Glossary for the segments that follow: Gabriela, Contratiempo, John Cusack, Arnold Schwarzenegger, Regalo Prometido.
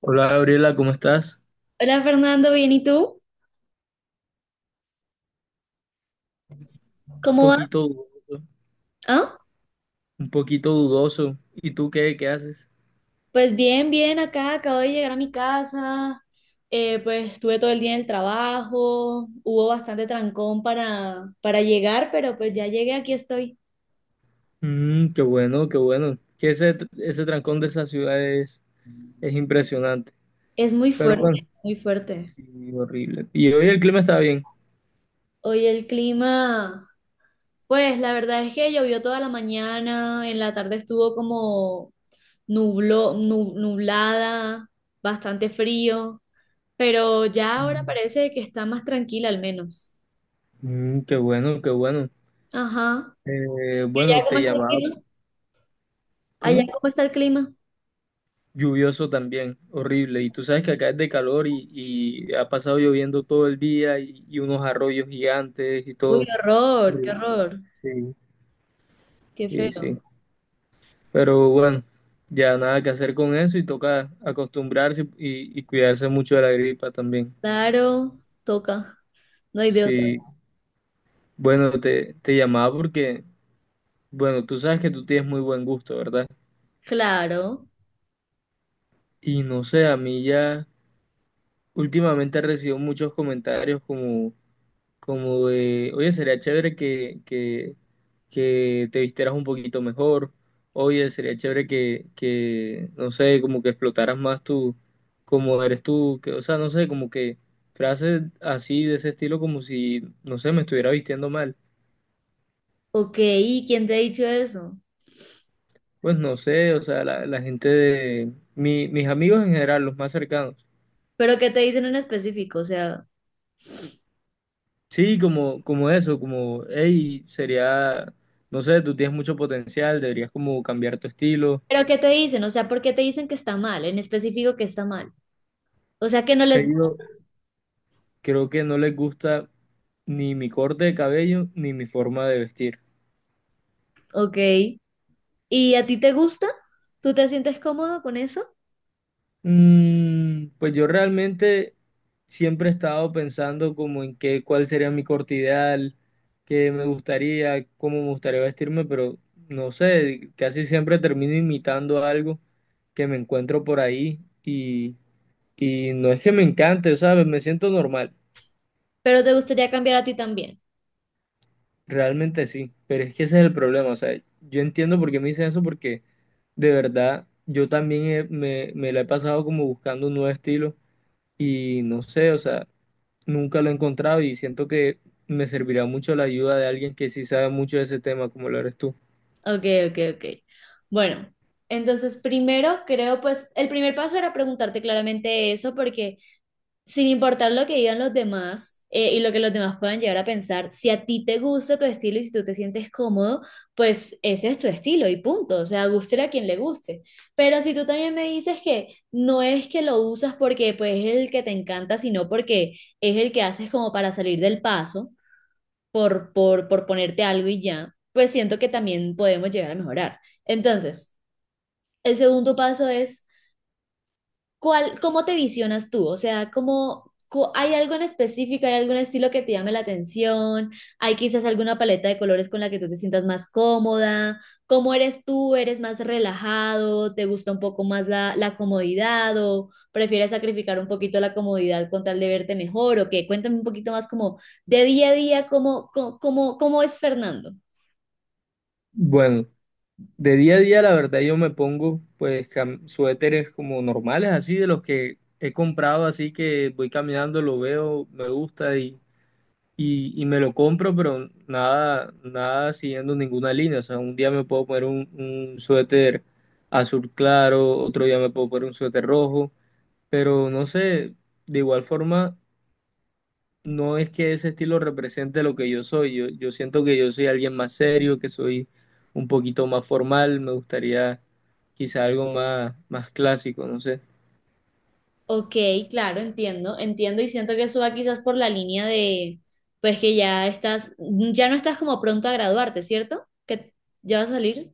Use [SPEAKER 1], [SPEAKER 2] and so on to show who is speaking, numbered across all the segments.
[SPEAKER 1] Hola, Gabriela, ¿cómo estás?
[SPEAKER 2] Hola Fernando, ¿bien y tú?
[SPEAKER 1] Un
[SPEAKER 2] ¿Cómo vas?
[SPEAKER 1] poquito dudoso,
[SPEAKER 2] ¿Ah?
[SPEAKER 1] un poquito dudoso. ¿Y tú qué haces?
[SPEAKER 2] Pues bien, bien, acá acabo de llegar a mi casa, pues estuve todo el día en el trabajo, hubo bastante trancón para llegar, pero pues ya llegué, aquí estoy.
[SPEAKER 1] Qué bueno, qué bueno. Que ese trancón de esa es impresionante.
[SPEAKER 2] Es muy
[SPEAKER 1] Pero
[SPEAKER 2] fuerte,
[SPEAKER 1] bueno,
[SPEAKER 2] es muy fuerte.
[SPEAKER 1] sí, horrible. Y hoy el clima está bien.
[SPEAKER 2] Hoy el clima, pues la verdad es que llovió toda la mañana, en la tarde estuvo como nublada, bastante frío, pero ya ahora
[SPEAKER 1] Mm,
[SPEAKER 2] parece que está más tranquila al menos.
[SPEAKER 1] Qué bueno, qué bueno.
[SPEAKER 2] Ajá. ¿Y allá
[SPEAKER 1] Bueno,
[SPEAKER 2] cómo
[SPEAKER 1] te
[SPEAKER 2] está el
[SPEAKER 1] llamaba.
[SPEAKER 2] clima? ¿Allá
[SPEAKER 1] ¿Cómo?
[SPEAKER 2] cómo está el clima?
[SPEAKER 1] Lluvioso también, horrible. Y tú sabes que acá es de calor y ha pasado lloviendo todo el día y unos arroyos gigantes y
[SPEAKER 2] Uy,
[SPEAKER 1] todo.
[SPEAKER 2] qué horror, qué
[SPEAKER 1] Horrible.
[SPEAKER 2] horror,
[SPEAKER 1] Sí,
[SPEAKER 2] qué
[SPEAKER 1] sí, sí.
[SPEAKER 2] feo.
[SPEAKER 1] Pero bueno, ya nada que hacer con eso y toca acostumbrarse y cuidarse mucho de la gripa también.
[SPEAKER 2] Claro, toca, no hay de otra.
[SPEAKER 1] Sí, bueno, te llamaba porque, bueno, tú sabes que tú tienes muy buen gusto, ¿verdad?
[SPEAKER 2] Claro,
[SPEAKER 1] Y no sé, a mí ya últimamente he recibido muchos comentarios como... como de, oye, sería chévere que te vistieras un poquito mejor, oye, sería chévere no sé, como que explotaras más tú, como eres tú, que, o sea, no sé, como que frases así de ese estilo, como si, no sé, me estuviera vistiendo mal.
[SPEAKER 2] ok, ¿y quién te ha dicho eso?
[SPEAKER 1] Pues no sé, o sea, la gente de, mis amigos en general, los más cercanos.
[SPEAKER 2] ¿Pero qué te dicen en específico? O sea,
[SPEAKER 1] Sí, como, como eso, como, hey, sería, no sé, tú tienes mucho potencial, deberías como cambiar tu estilo.
[SPEAKER 2] ¿pero qué te dicen? O sea, ¿por qué te dicen que está mal? En específico que está mal. O sea, que no
[SPEAKER 1] He
[SPEAKER 2] les gusta.
[SPEAKER 1] ido- Creo que no les gusta ni mi corte de cabello ni mi forma de vestir.
[SPEAKER 2] Ok, ¿y a ti te gusta? ¿Tú te sientes cómodo con eso?
[SPEAKER 1] Pues yo realmente siempre he estado pensando como en qué, cuál sería mi corte ideal, qué me gustaría, cómo me gustaría vestirme, pero no sé, casi siempre termino imitando algo que me encuentro por ahí y no es que me encante, ¿sabes? Me siento normal.
[SPEAKER 2] ¿Pero te gustaría cambiar a ti también?
[SPEAKER 1] Realmente sí, pero es que ese es el problema, o sea, yo entiendo por qué me dicen eso porque de verdad yo también me la he pasado como buscando un nuevo estilo y no sé, o sea, nunca lo he encontrado y siento que me servirá mucho la ayuda de alguien que sí sabe mucho de ese tema como lo eres tú.
[SPEAKER 2] Ok, ok, ok. Bueno, entonces primero creo pues el primer paso era preguntarte claramente eso porque sin importar lo que digan los demás y lo que los demás puedan llegar a pensar, si a ti te gusta tu estilo y si tú te sientes cómodo, pues ese es tu estilo y punto, o sea, guste a quien le guste. Pero si tú también me dices que no es que lo usas porque pues es el que te encanta, sino porque es el que haces como para salir del paso por ponerte algo y ya, pues siento que también podemos llegar a mejorar. Entonces, el segundo paso es, ¿cuál, cómo te visionas tú? O sea, ¿cómo, hay algo en específico, hay algún estilo que te llame la atención? ¿Hay quizás alguna paleta de colores con la que tú te sientas más cómoda? ¿Cómo eres tú? ¿Eres más relajado? ¿Te gusta un poco más la comodidad o prefieres sacrificar un poquito la comodidad con tal de verte mejor? ¿O qué? Cuéntame un poquito más como de día a día, ¿cómo es Fernando?
[SPEAKER 1] Bueno, de día a día la verdad yo me pongo pues suéteres como normales, así de los que he comprado, así que voy caminando, lo veo, me gusta y me lo compro, pero nada, nada siguiendo ninguna línea. O sea, un día me puedo poner un suéter azul claro, otro día me puedo poner un suéter rojo, pero no sé, de igual forma, no es que ese estilo represente lo que yo soy. Yo siento que yo soy alguien más serio, que soy un poquito más formal, me gustaría quizá algo más, más clásico, no sé.
[SPEAKER 2] Ok, claro, entiendo, entiendo y siento que eso va quizás por la línea de, pues que ya estás, ya no estás como pronto a graduarte, ¿cierto? Que ya vas a salir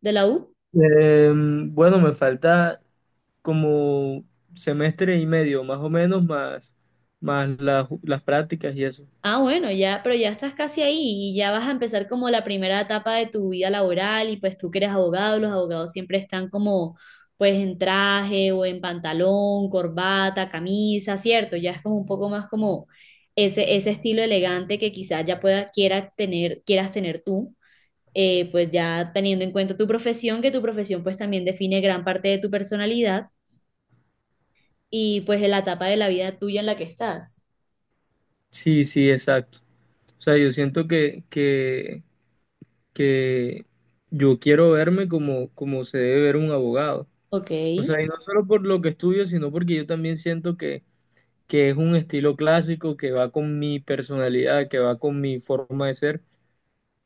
[SPEAKER 2] de la U.
[SPEAKER 1] Bueno, me falta como semestre y medio, más o menos, más, más las prácticas y eso.
[SPEAKER 2] Ah, bueno, ya, pero ya estás casi ahí y ya vas a empezar como la primera etapa de tu vida laboral y pues tú que eres abogado, los abogados siempre están como pues en traje o en pantalón, corbata, camisa, ¿cierto? Ya es como un poco más como ese estilo elegante que quizás ya pueda, quiera tener, quieras tener tú. Pues ya teniendo en cuenta tu profesión, que tu profesión pues también define gran parte de tu personalidad y pues de la etapa de la vida tuya en la que estás.
[SPEAKER 1] Sí, sí, exacto. O sea, yo siento que yo quiero verme como, como se debe ver un abogado.
[SPEAKER 2] Ok,
[SPEAKER 1] O sea, y no solo por lo que estudio, sino porque yo también siento que es un estilo clásico que va con mi personalidad, que va con mi forma de ser,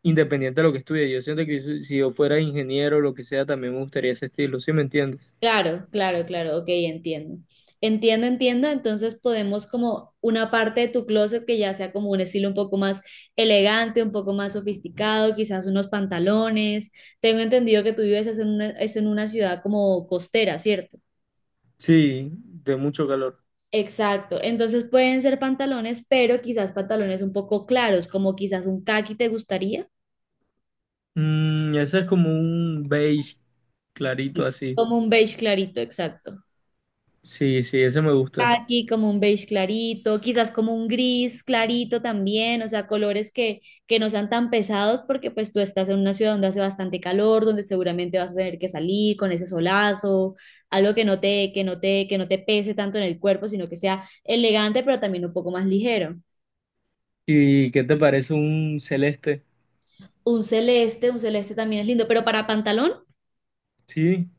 [SPEAKER 1] independiente de lo que estudie. Yo siento que si yo fuera ingeniero o lo que sea, también me gustaría ese estilo, ¿sí me entiendes?
[SPEAKER 2] claro, claro, claro, ok, entiendo. Entiendo, entiendo, entonces podemos como una parte de tu closet que ya sea como un estilo un poco más elegante, un poco más sofisticado, quizás unos pantalones. Tengo entendido que tú vives es en una ciudad como costera, ¿cierto?
[SPEAKER 1] Sí, de mucho calor.
[SPEAKER 2] Exacto, entonces pueden ser pantalones, pero quizás pantalones un poco claros, como quizás un caqui te gustaría.
[SPEAKER 1] Mm, ese es como un beige clarito
[SPEAKER 2] Sí,
[SPEAKER 1] así.
[SPEAKER 2] como un beige clarito, exacto.
[SPEAKER 1] Sí, sí, ese me gusta.
[SPEAKER 2] Caqui, como un beige clarito, quizás como un gris clarito también, o sea, colores que no sean tan pesados porque pues tú estás en una ciudad donde hace bastante calor, donde seguramente vas a tener que salir con ese solazo, algo que no te, que no te, que no te pese tanto en el cuerpo, sino que sea elegante, pero también un poco más ligero.
[SPEAKER 1] ¿Y qué te parece un celeste?
[SPEAKER 2] Un celeste también es lindo, pero para pantalón.
[SPEAKER 1] Sí,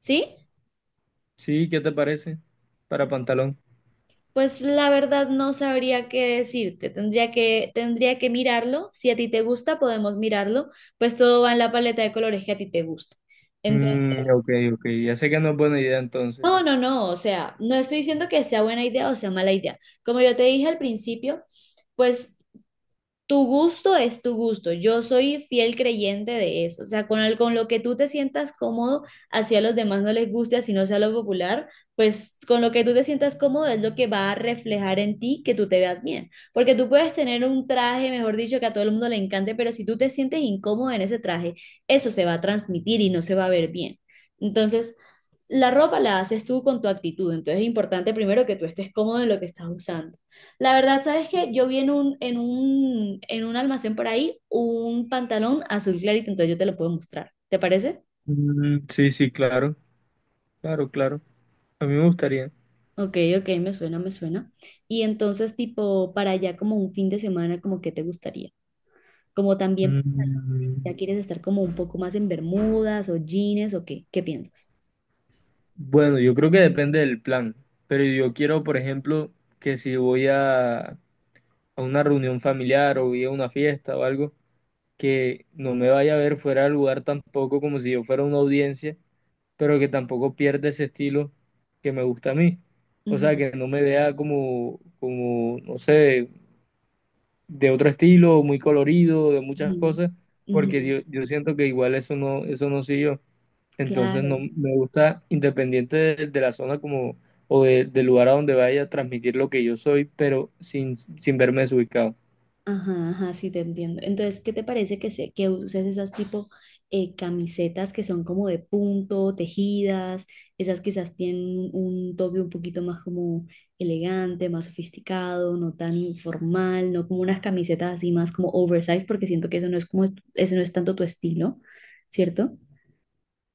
[SPEAKER 2] ¿Sí?
[SPEAKER 1] sí, ¿qué te parece? Para pantalón.
[SPEAKER 2] Pues la verdad no sabría qué decirte. Tendría que mirarlo. Si a ti te gusta, podemos mirarlo. Pues todo va en la paleta de colores que a ti te gusta. Entonces,
[SPEAKER 1] Mm, ok, ok, ya sé que no es buena idea
[SPEAKER 2] no,
[SPEAKER 1] entonces.
[SPEAKER 2] no, no. O sea, no estoy diciendo que sea buena idea o sea mala idea. Como yo te dije al principio, pues tu gusto es tu gusto. Yo soy fiel creyente de eso. O sea, con, con lo que tú te sientas cómodo, así a los demás no les guste, así no sea lo popular, pues con lo que tú te sientas cómodo es lo que va a reflejar en ti que tú te veas bien. Porque tú puedes tener un traje, mejor dicho, que a todo el mundo le encante, pero si tú te sientes incómodo en ese traje, eso se va a transmitir y no se va a ver bien. Entonces, la ropa la haces tú con tu actitud. Entonces es importante primero que tú estés cómodo en lo que estás usando. La verdad, ¿sabes qué? Yo vi en un almacén por ahí un pantalón azul clarito, entonces yo te lo puedo mostrar. ¿Te parece?
[SPEAKER 1] Mm, sí, sí, claro, claro, claro. A mí me gustaría.
[SPEAKER 2] Ok, ok, me suena, me suena. Y entonces, tipo, para allá como un fin de semana, como que te gustaría. Como también
[SPEAKER 1] Mm,
[SPEAKER 2] ya quieres estar como un poco más en bermudas o jeans o qué, ¿qué piensas?
[SPEAKER 1] bueno, yo creo que depende del plan, pero yo quiero, por ejemplo, que si voy a una reunión familiar o voy a una fiesta o algo, que no me vaya a ver fuera de lugar tampoco como si yo fuera una audiencia, pero que tampoco pierda ese estilo que me gusta a mí. O sea,
[SPEAKER 2] Ujú,
[SPEAKER 1] que no me vea como, como, no sé, de otro estilo, muy colorido, de muchas
[SPEAKER 2] ujú,
[SPEAKER 1] cosas, porque
[SPEAKER 2] ujú,
[SPEAKER 1] yo siento que igual eso no soy yo. Entonces no
[SPEAKER 2] claro.
[SPEAKER 1] me gusta, independiente de la zona como, del lugar a donde vaya, transmitir lo que yo soy, pero sin verme desubicado.
[SPEAKER 2] Ajá, ajá, sí te entiendo. Entonces, ¿qué te parece que, que uses esas tipo camisetas que son como de punto, tejidas? Esas quizás tienen un toque un poquito más como elegante, más sofisticado, no tan informal, no como unas camisetas así más como oversize, porque siento que eso no es como, ese no es tanto tu estilo, ¿cierto?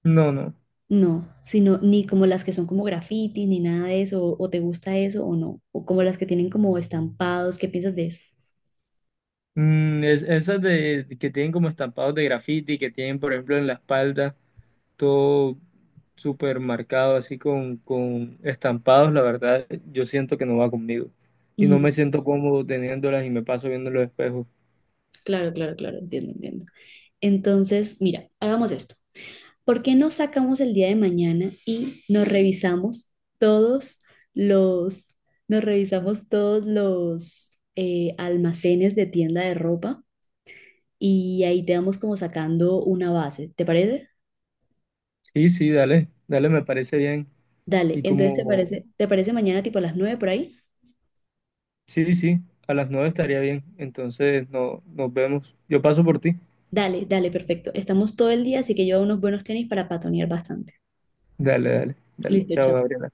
[SPEAKER 1] No, no.
[SPEAKER 2] No, sino ni como las que son como graffiti, ni nada de eso, o te gusta eso o no, o como las que tienen como estampados, ¿qué piensas de eso?
[SPEAKER 1] Mm, esas de, que tienen como estampados de graffiti, que tienen, por ejemplo, en la espalda todo súper marcado, así con estampados, la verdad, yo siento que no va conmigo. Y no
[SPEAKER 2] Ujú,
[SPEAKER 1] me siento cómodo teniéndolas y me paso viendo los espejos.
[SPEAKER 2] claro, claro, claro, entiendo, entiendo. Entonces, mira, hagamos esto. ¿Por qué no sacamos el día de mañana y todos los, nos revisamos todos los almacenes de tienda de ropa y ahí te vamos como sacando una base, ¿te parece?
[SPEAKER 1] Sí, sí, dale, dale, me parece bien.
[SPEAKER 2] Dale,
[SPEAKER 1] Y
[SPEAKER 2] entonces
[SPEAKER 1] como,
[SPEAKER 2] ¿te parece mañana tipo a las 9 por ahí?
[SPEAKER 1] sí, sí, a las 9 estaría bien. Entonces, no, nos vemos. Yo paso por ti.
[SPEAKER 2] Dale, dale, perfecto. Estamos todo el día, así que lleva unos buenos tenis para patonear bastante.
[SPEAKER 1] Dale, dale, dale.
[SPEAKER 2] Listo,
[SPEAKER 1] Chao,
[SPEAKER 2] chao.
[SPEAKER 1] Gabriela.